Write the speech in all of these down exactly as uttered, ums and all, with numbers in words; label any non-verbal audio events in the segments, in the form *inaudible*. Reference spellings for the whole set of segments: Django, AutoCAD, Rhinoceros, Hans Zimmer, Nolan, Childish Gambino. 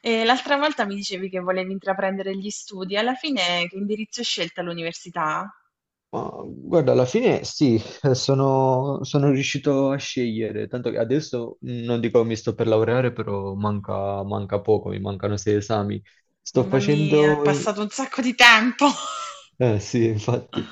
E l'altra volta mi dicevi che volevi intraprendere gli studi, alla fine che indirizzo hai scelto all'università? Ma, guarda, alla fine sì, eh, sono, sono riuscito a scegliere, tanto che adesso mh, non dico mi sto per laureare, però manca, manca poco, mi mancano sei esami. Sto Mamma mia, è facendo i- passato un sacco di tempo. *laughs* eh, sì, infatti.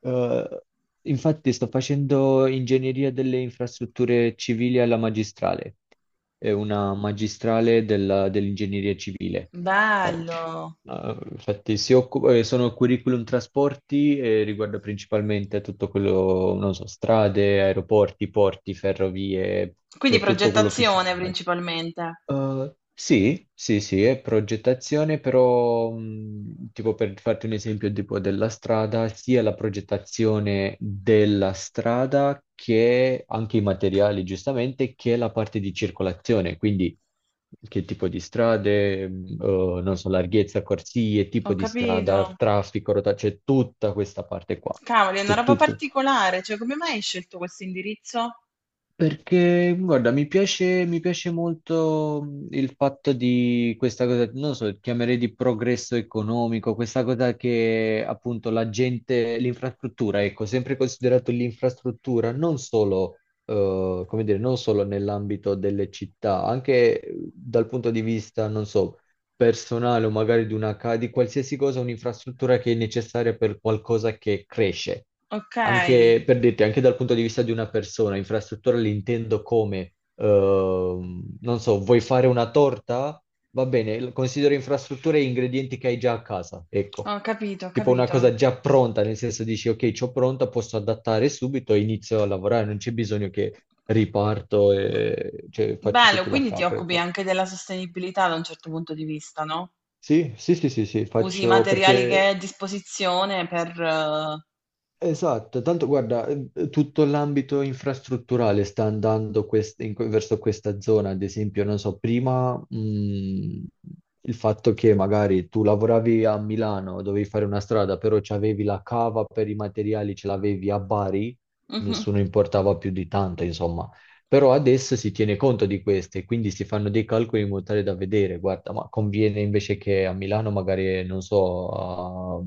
Eh, infatti sto facendo ingegneria delle infrastrutture civili alla magistrale, è una magistrale della- dell'ingegneria civile. Ah, Bello! ah, infatti si occupa, eh, sono curriculum trasporti e riguarda principalmente tutto quello, non so, strade, aeroporti, porti, ferrovie, Quindi cioè tutto quello che si progettazione muove. principalmente. Uh, sì, sì, sì, è progettazione, però mh, tipo per farti un esempio tipo della strada, sia la progettazione della strada che anche i materiali, giustamente, che la parte di circolazione, quindi che tipo di strade, mh, eh, non so, larghezza, corsie, Ho tipo di strada, capito. traffico, rotazione, c'è tutta questa parte qua, Cavoli, è una c'è roba tutto. particolare. Cioè, come mai hai scelto questo indirizzo? Perché, guarda, mi piace, mi piace molto mh, il fatto di questa cosa, non lo so, chiamerei di progresso economico, questa cosa che appunto la gente, l'infrastruttura, ecco, sempre considerato l'infrastruttura, non solo, eh, come dire, non solo nell'ambito delle città, anche eh, dal punto di vista, non so, personale o magari di una, ca- di qualsiasi cosa, un'infrastruttura che è necessaria per qualcosa che cresce. Ok, Anche per dirti, anche dal punto di vista di una persona, infrastruttura l'intendo come, ehm, non so, vuoi fare una torta? Va bene, l- considero infrastrutture e ingredienti che hai già a casa, ecco. ho capito, ho Tipo una capito. cosa già pronta, nel senso dici, ok, c'ho pronta, posso adattare subito e inizio a lavorare, non c'è bisogno che riparto e cioè, faccio Bello, tutto da quindi ti capo, occupi ecco. anche della sostenibilità da un certo punto di vista, no? Sì, sì, sì, sì, sì, Usi i faccio materiali che hai perché. a disposizione per... eh, Esatto, tanto guarda, eh, tutto l'ambito infrastrutturale sta andando quest- in que- verso questa zona, ad esempio, non so, prima mh, il fatto che magari tu lavoravi a Milano, dovevi fare una strada, però c'avevi la cava per i materiali, ce l'avevi a Bari, mhm. nessuno importava più di tanto, insomma. Però adesso si tiene conto di queste, quindi si fanno dei calcoli in modo tale da vedere, guarda, ma conviene invece che a Milano magari, non so, a-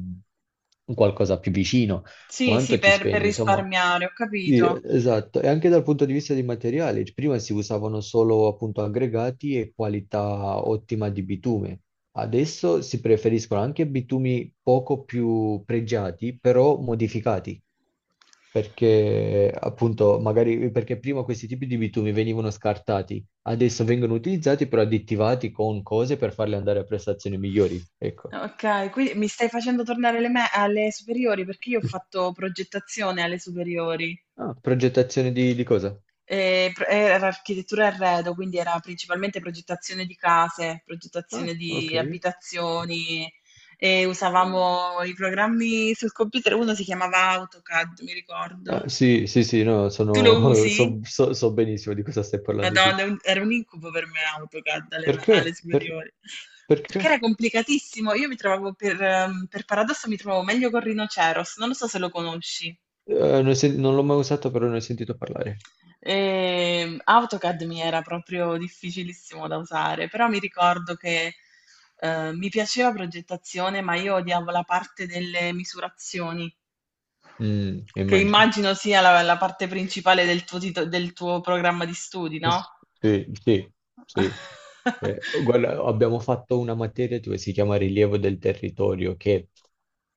qualcosa più vicino Sì, sì, quanto ci per per spendi? Insomma. risparmiare, ho Sì, capito. esatto, e anche dal punto di vista dei materiali, cioè, prima si usavano solo appunto aggregati e qualità ottima di bitume, adesso si preferiscono anche bitumi poco più pregiati, però modificati, perché appunto magari perché prima questi tipi di bitumi venivano scartati, adesso vengono utilizzati però additivati con cose per farli andare a prestazioni migliori, ecco. Okay, quindi mi stai facendo tornare alle me alle superiori, perché io ho fatto progettazione alle superiori. Ah, progettazione di, di cosa? Ehm, pr Era architettura e arredo, quindi era principalmente progettazione di case, Ah, progettazione ok. di abitazioni e usavamo i programmi sul computer, uno si chiamava AutoCAD, mi Ah, ricordo. sì, sì, sì, no, Tu lo sono, *laughs* usi? so, so- so benissimo di cosa stai parlando, sì. Madonna, è un- era un incubo per me AutoCAD alle, alle Perché? Per- superiori. Perché perché? era complicatissimo. Io mi trovavo per, ehm, per paradosso mi trovavo meglio con Rhinoceros, non lo so se lo conosci. Eh, non, ho sen- non l'ho mai usato, però ne ho sentito parlare. E AutoCAD mi era proprio difficilissimo da usare, però mi ricordo che eh, mi piaceva progettazione, ma io odiavo la parte delle misurazioni, Mm, che immagino. immagino sia la, la parte principale del tuo, tito- del tuo programma di studi, no? Sì, sì, sì. *laughs* Eh, guarda, abbiamo fatto una materia dove si chiama rilievo del territorio, che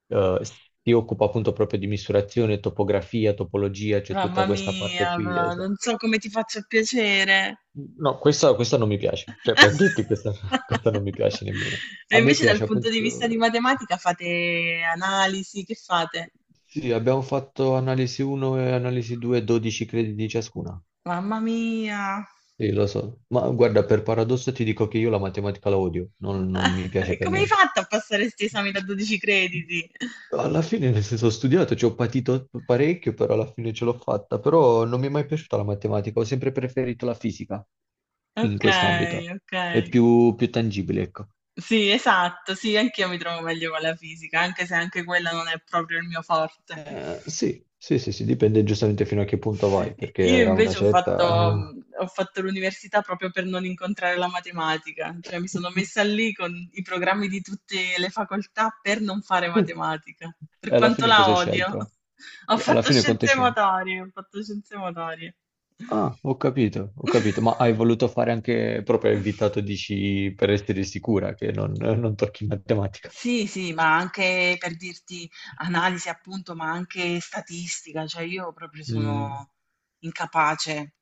eh, si occupa appunto proprio di misurazione, topografia, topologia, c'è Mamma tutta questa parte mia, qui. ma Esatto. non so come ti faccia piacere. No, questa, questa non mi piace, cioè per dirti *laughs* questa, *laughs* questa non mi piace nemmeno. E A me invece dal piace punto di vista di appunto, sì. matematica fate analisi, che fate? Sì, abbiamo fatto analisi uno e analisi due, dodici crediti ciascuna. Mamma mia. Sì, lo so, ma guarda, per paradosso ti dico che io la matematica la odio, non, non mi *laughs* piace E per come hai niente. fatto a passare questi esami da dodici crediti? Alla fine, nel senso, ho studiato, ci ho patito parecchio, però alla fine ce l'ho fatta, però non mi è mai piaciuta la matematica, ho sempre preferito la fisica in Ok, quest'ambito, ok. è più, più tangibile, ecco. Sì, esatto, sì, anch'io mi trovo meglio con la fisica, anche se anche quella non è proprio il mio forte. Eh, sì, sì, sì, sì, dipende giustamente fino a che punto vai, perché Io a una invece ho fatto, certa... mhmm, ho fatto l'università proprio per non incontrare la matematica, cioè mi sono *laughs* messa lì con i programmi di tutte le facoltà per non fare E matematica, per alla quanto fine cosa la hai odio. scelto? *laughs* Ho Alla fatto fine quanto hai scienze scelto? motorie, ho fatto scienze motorie. Ah, ho capito, ho capito, ma hai voluto fare anche proprio *laughs* invitato, dici, per essere sicura che non, non tocchi matematica. Sì, sì, ma anche per dirti analisi appunto, ma anche statistica, cioè io proprio Mm. sono incapace.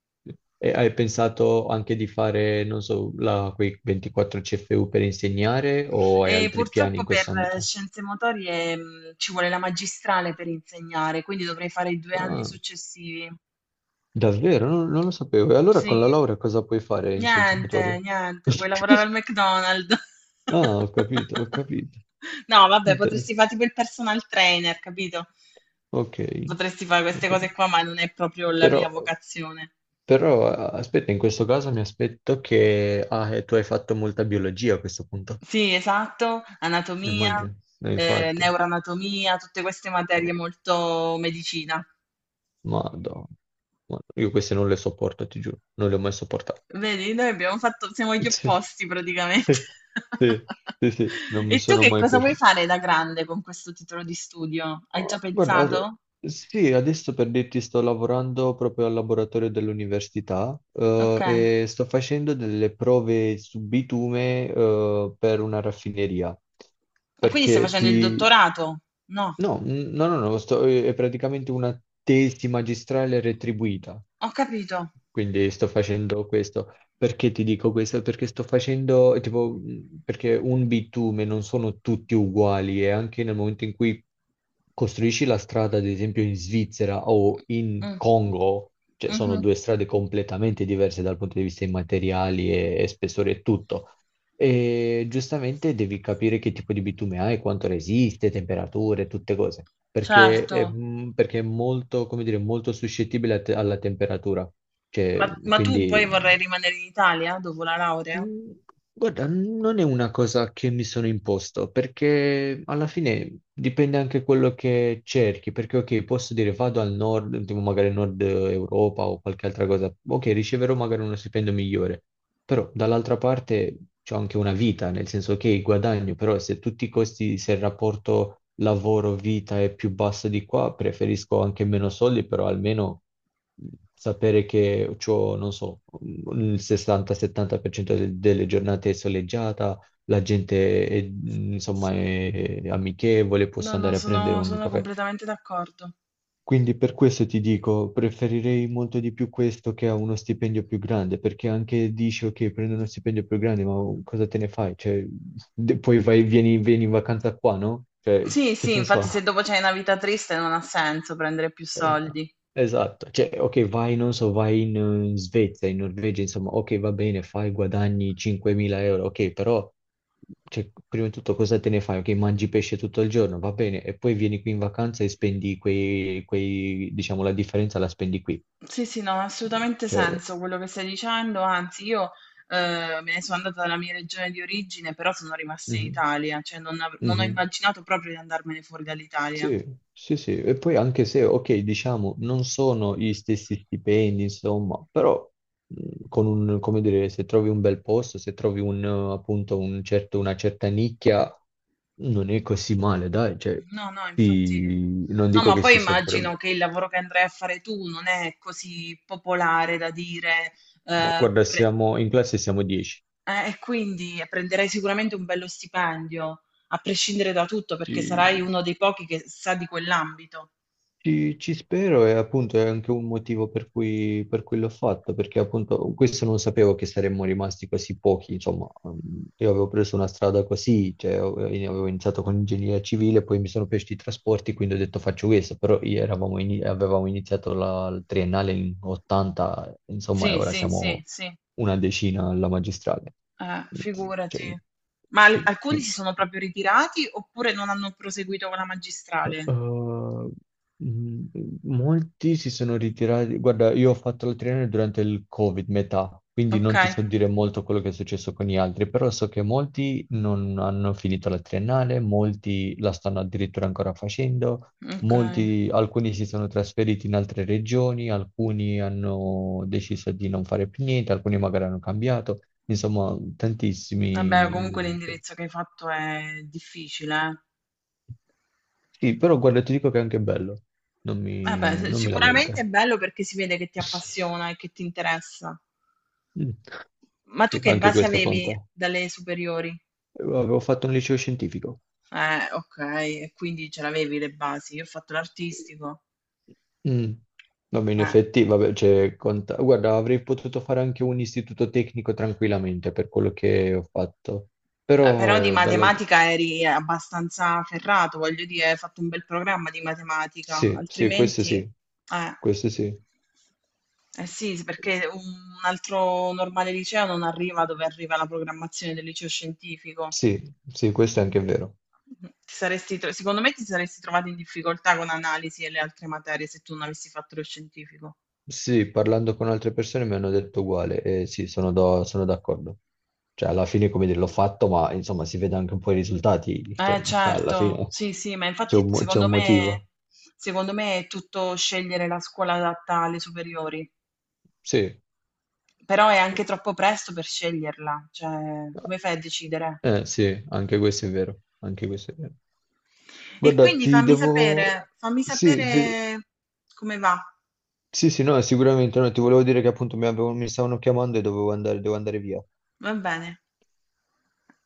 E hai pensato anche di fare, non so, la- quei ventiquattro C F U per insegnare o hai E altri piani in purtroppo per questo eh, ambito? scienze motorie, mhmm, ci vuole la magistrale per insegnare, quindi dovrei fare i due anni Ah. successivi. Davvero? Non, non lo sapevo. E allora Sì. con la laurea cosa puoi fare in scienze Niente, motorie? niente, vuoi lavorare al *laughs* McDonald's. Ah, ho capito, ho *laughs* capito. No, vabbè, potresti Interessante. fa' tipo il personal trainer, capito? Ok, Potresti fare ho queste cose capito. qua, ma non è proprio la mia Però, vocazione. però, aspetta, in questo caso mi aspetto che ah, eh, tu hai fatto molta biologia a questo punto. Sì, esatto, anatomia, Immagino. Eh, ehm, infatti. neuroanatomia, tutte queste materie Madonna. molto medicina. Madonna. Io queste non le sopporto, ti giuro. Non le ho mai sopportate. Vedi, noi abbiamo fatto, siamo gli *laughs* Sì. opposti praticamente. Sì, *laughs* sì, sì, non mi E tu sono che mai cosa vuoi piaciuti. fare da grande con questo titolo di studio? Hai Ah, già guarda, pensato? sì, adesso per dirti sto lavorando proprio al laboratorio dell'università Ok. eh, Ma e sto facendo delle prove su bitume eh, per una raffineria. quindi stai Perché facendo il ti... dottorato? No, No, n- no, no, no, sto- è praticamente una tesi magistrale retribuita. ho capito. Quindi sto facendo questo. Perché ti dico questo? Perché sto facendo, tipo, mh, perché un bitume non sono tutti uguali e anche nel momento in cui costruisci la strada, ad esempio in Svizzera o in Mm, Congo, cioè sono mhm, due strade completamente diverse dal punto di vista dei materiali e, e spessore e tutto. E giustamente devi capire che tipo di bitume hai, quanto resiste, temperature, tutte cose. Perché è, certo. mh, perché è molto, come dire, molto suscettibile a te- alla temperatura. Ma, Cioè, ma tu poi quindi, vorrai rimanere in Italia dopo la laurea? mh, guarda, non è una cosa che mi sono imposto, perché alla fine dipende anche quello che cerchi, perché ok, posso dire vado al nord, tipo magari nord Europa o qualche altra cosa, ok, riceverò magari uno stipendio migliore, però dall'altra parte c'è anche una vita, nel senso che il guadagno, però se tutti i costi, se il rapporto lavoro-vita è più basso di qua, preferisco anche meno soldi, però almeno mh, sapere che ho, non so, mh, il sessanta-settanta per cento de- delle giornate è soleggiata, la gente è, mh, insomma, è amichevole, No, posso no, andare a prendere sono, un sono caffè. completamente d'accordo. Quindi per questo ti dico, preferirei molto di più questo che a uno stipendio più grande, perché anche dici ok, prendo uno stipendio più grande, ma cosa te ne fai? Cioè, de- poi vai, vieni, vieni in vacanza qua, no? Cioè, Sì, che sì, senso infatti ha? se dopo c'è una vita triste non ha senso prendere più Eh, soldi. Esatto, cioè, ok, vai, non so, vai in, eh, in Svezia, in Norvegia, insomma, ok, va bene, fai, guadagni cinquemila euro, ok, però, cioè, prima di tutto cosa te ne fai? Ok, mangi pesce tutto il giorno, va bene, e poi vieni qui in vacanza e spendi quei, quei, diciamo, la differenza la spendi qui. Sì, sì, no, ha assolutamente Cioè, senso quello che stai dicendo, anzi io eh, me ne sono andata dalla mia regione di origine, però sono rimasta in mhm, Italia, cioè non, av- non ho mhm. immaginato proprio di andarmene fuori dall'Italia. Sì, sì, sì. E poi anche se, ok, diciamo, non sono gli stessi stipendi, insomma, però mh, con un, come dire, se trovi un bel posto, se trovi un, eh, appunto, un certo, una certa nicchia, non è così male, dai, cioè, No, no, infatti... ti- non No, dico ma che poi si sopra... immagino che il lavoro che andrai a fare tu non è così popolare da dire, Ma eh, guarda, pre- siamo in classe siamo dieci. eh, e quindi prenderai sicuramente un bello stipendio, a prescindere da tutto, perché sarai uno dei pochi che sa di quell'ambito. Ci, ci spero e appunto è anche un motivo per cui, per cui l'ho fatto, perché appunto questo non sapevo che saremmo rimasti così pochi, insomma, mm, io avevo preso una strada così, cioè ho- avevo iniziato con ingegneria civile, poi mi sono piaciuti i trasporti, quindi ho detto faccio questo, però i- eravamo ini- avevamo iniziato la, il triennale in ottanta, insomma, e Sì, ora sì, sì, siamo sì. una decina alla magistrale. Eh, figurati. Cioè, Ma al- sì, Alcuni qui. si sono proprio ritirati oppure non hanno proseguito con la magistrale? Eh, mh, molti si sono ritirati. Guarda, io ho fatto la triennale durante il Covid, metà, quindi Ok, non ti so dire molto quello che è successo con gli altri, però so che molti non hanno finito la triennale, molti la stanno addirittura ancora facendo, ok. molti, alcuni si sono trasferiti in altre regioni, alcuni hanno deciso di non fare più niente, alcuni magari hanno cambiato, insomma, Vabbè, comunque tantissimi. l'indirizzo che hai fatto è difficile, eh. Sì, però guarda, ti dico che è anche bello, non Vabbè, mi, s- non mi sicuramente è lamenta. bello perché si vede che ti appassiona e che ti interessa. Mm. Ma tu Sì, che anche basi questo avevi conta. dalle superiori? Eh, Avevo fatto un liceo scientifico. Eh, ok, e quindi ce l'avevi le basi. Io ho fatto l'artistico. Mm. Vabbè, in Eh. effetti, vabbè, cioè, conta. Guarda, avrei potuto fare anche un istituto tecnico tranquillamente per quello che ho fatto. Eh, però di Però dall'altro... matematica eri abbastanza ferrato, voglio dire, hai fatto un bel programma di matematica, Sì, sì, questo altrimenti, eh, sì, questo sì. eh sì, sì, perché un altro normale liceo non arriva dove arriva la programmazione del liceo scientifico. Sì, sì, questo è anche vero. Mm-hmm. Ti saresti tro- secondo me ti saresti trovato in difficoltà con analisi e le altre materie se tu non avessi fatto lo scientifico. Sì, parlando con altre persone mi hanno detto uguale e sì, sono do- sono d'accordo. Cioè, alla fine, come dire, l'ho fatto, ma insomma, si vede anche un po' i risultati. Eh, Cioè, *laughs* alla certo, fine sì, sì, ma c'è infatti un, mo- c'è secondo un me, motivo. secondo me è tutto scegliere la scuola adatta alle superiori. Sì, Però è anche troppo presto per sceglierla, cioè come fai a decidere? Eh, sì, anche questo è vero. Anche questo è vero. E Guarda, quindi ti fammi devo... sapere, fammi Sì, ti- sapere come va, sì, sì, no, sicuramente no. Ti volevo dire che appunto mi, avevo- mi stavano chiamando e dovevo andare, devo andare via. va bene.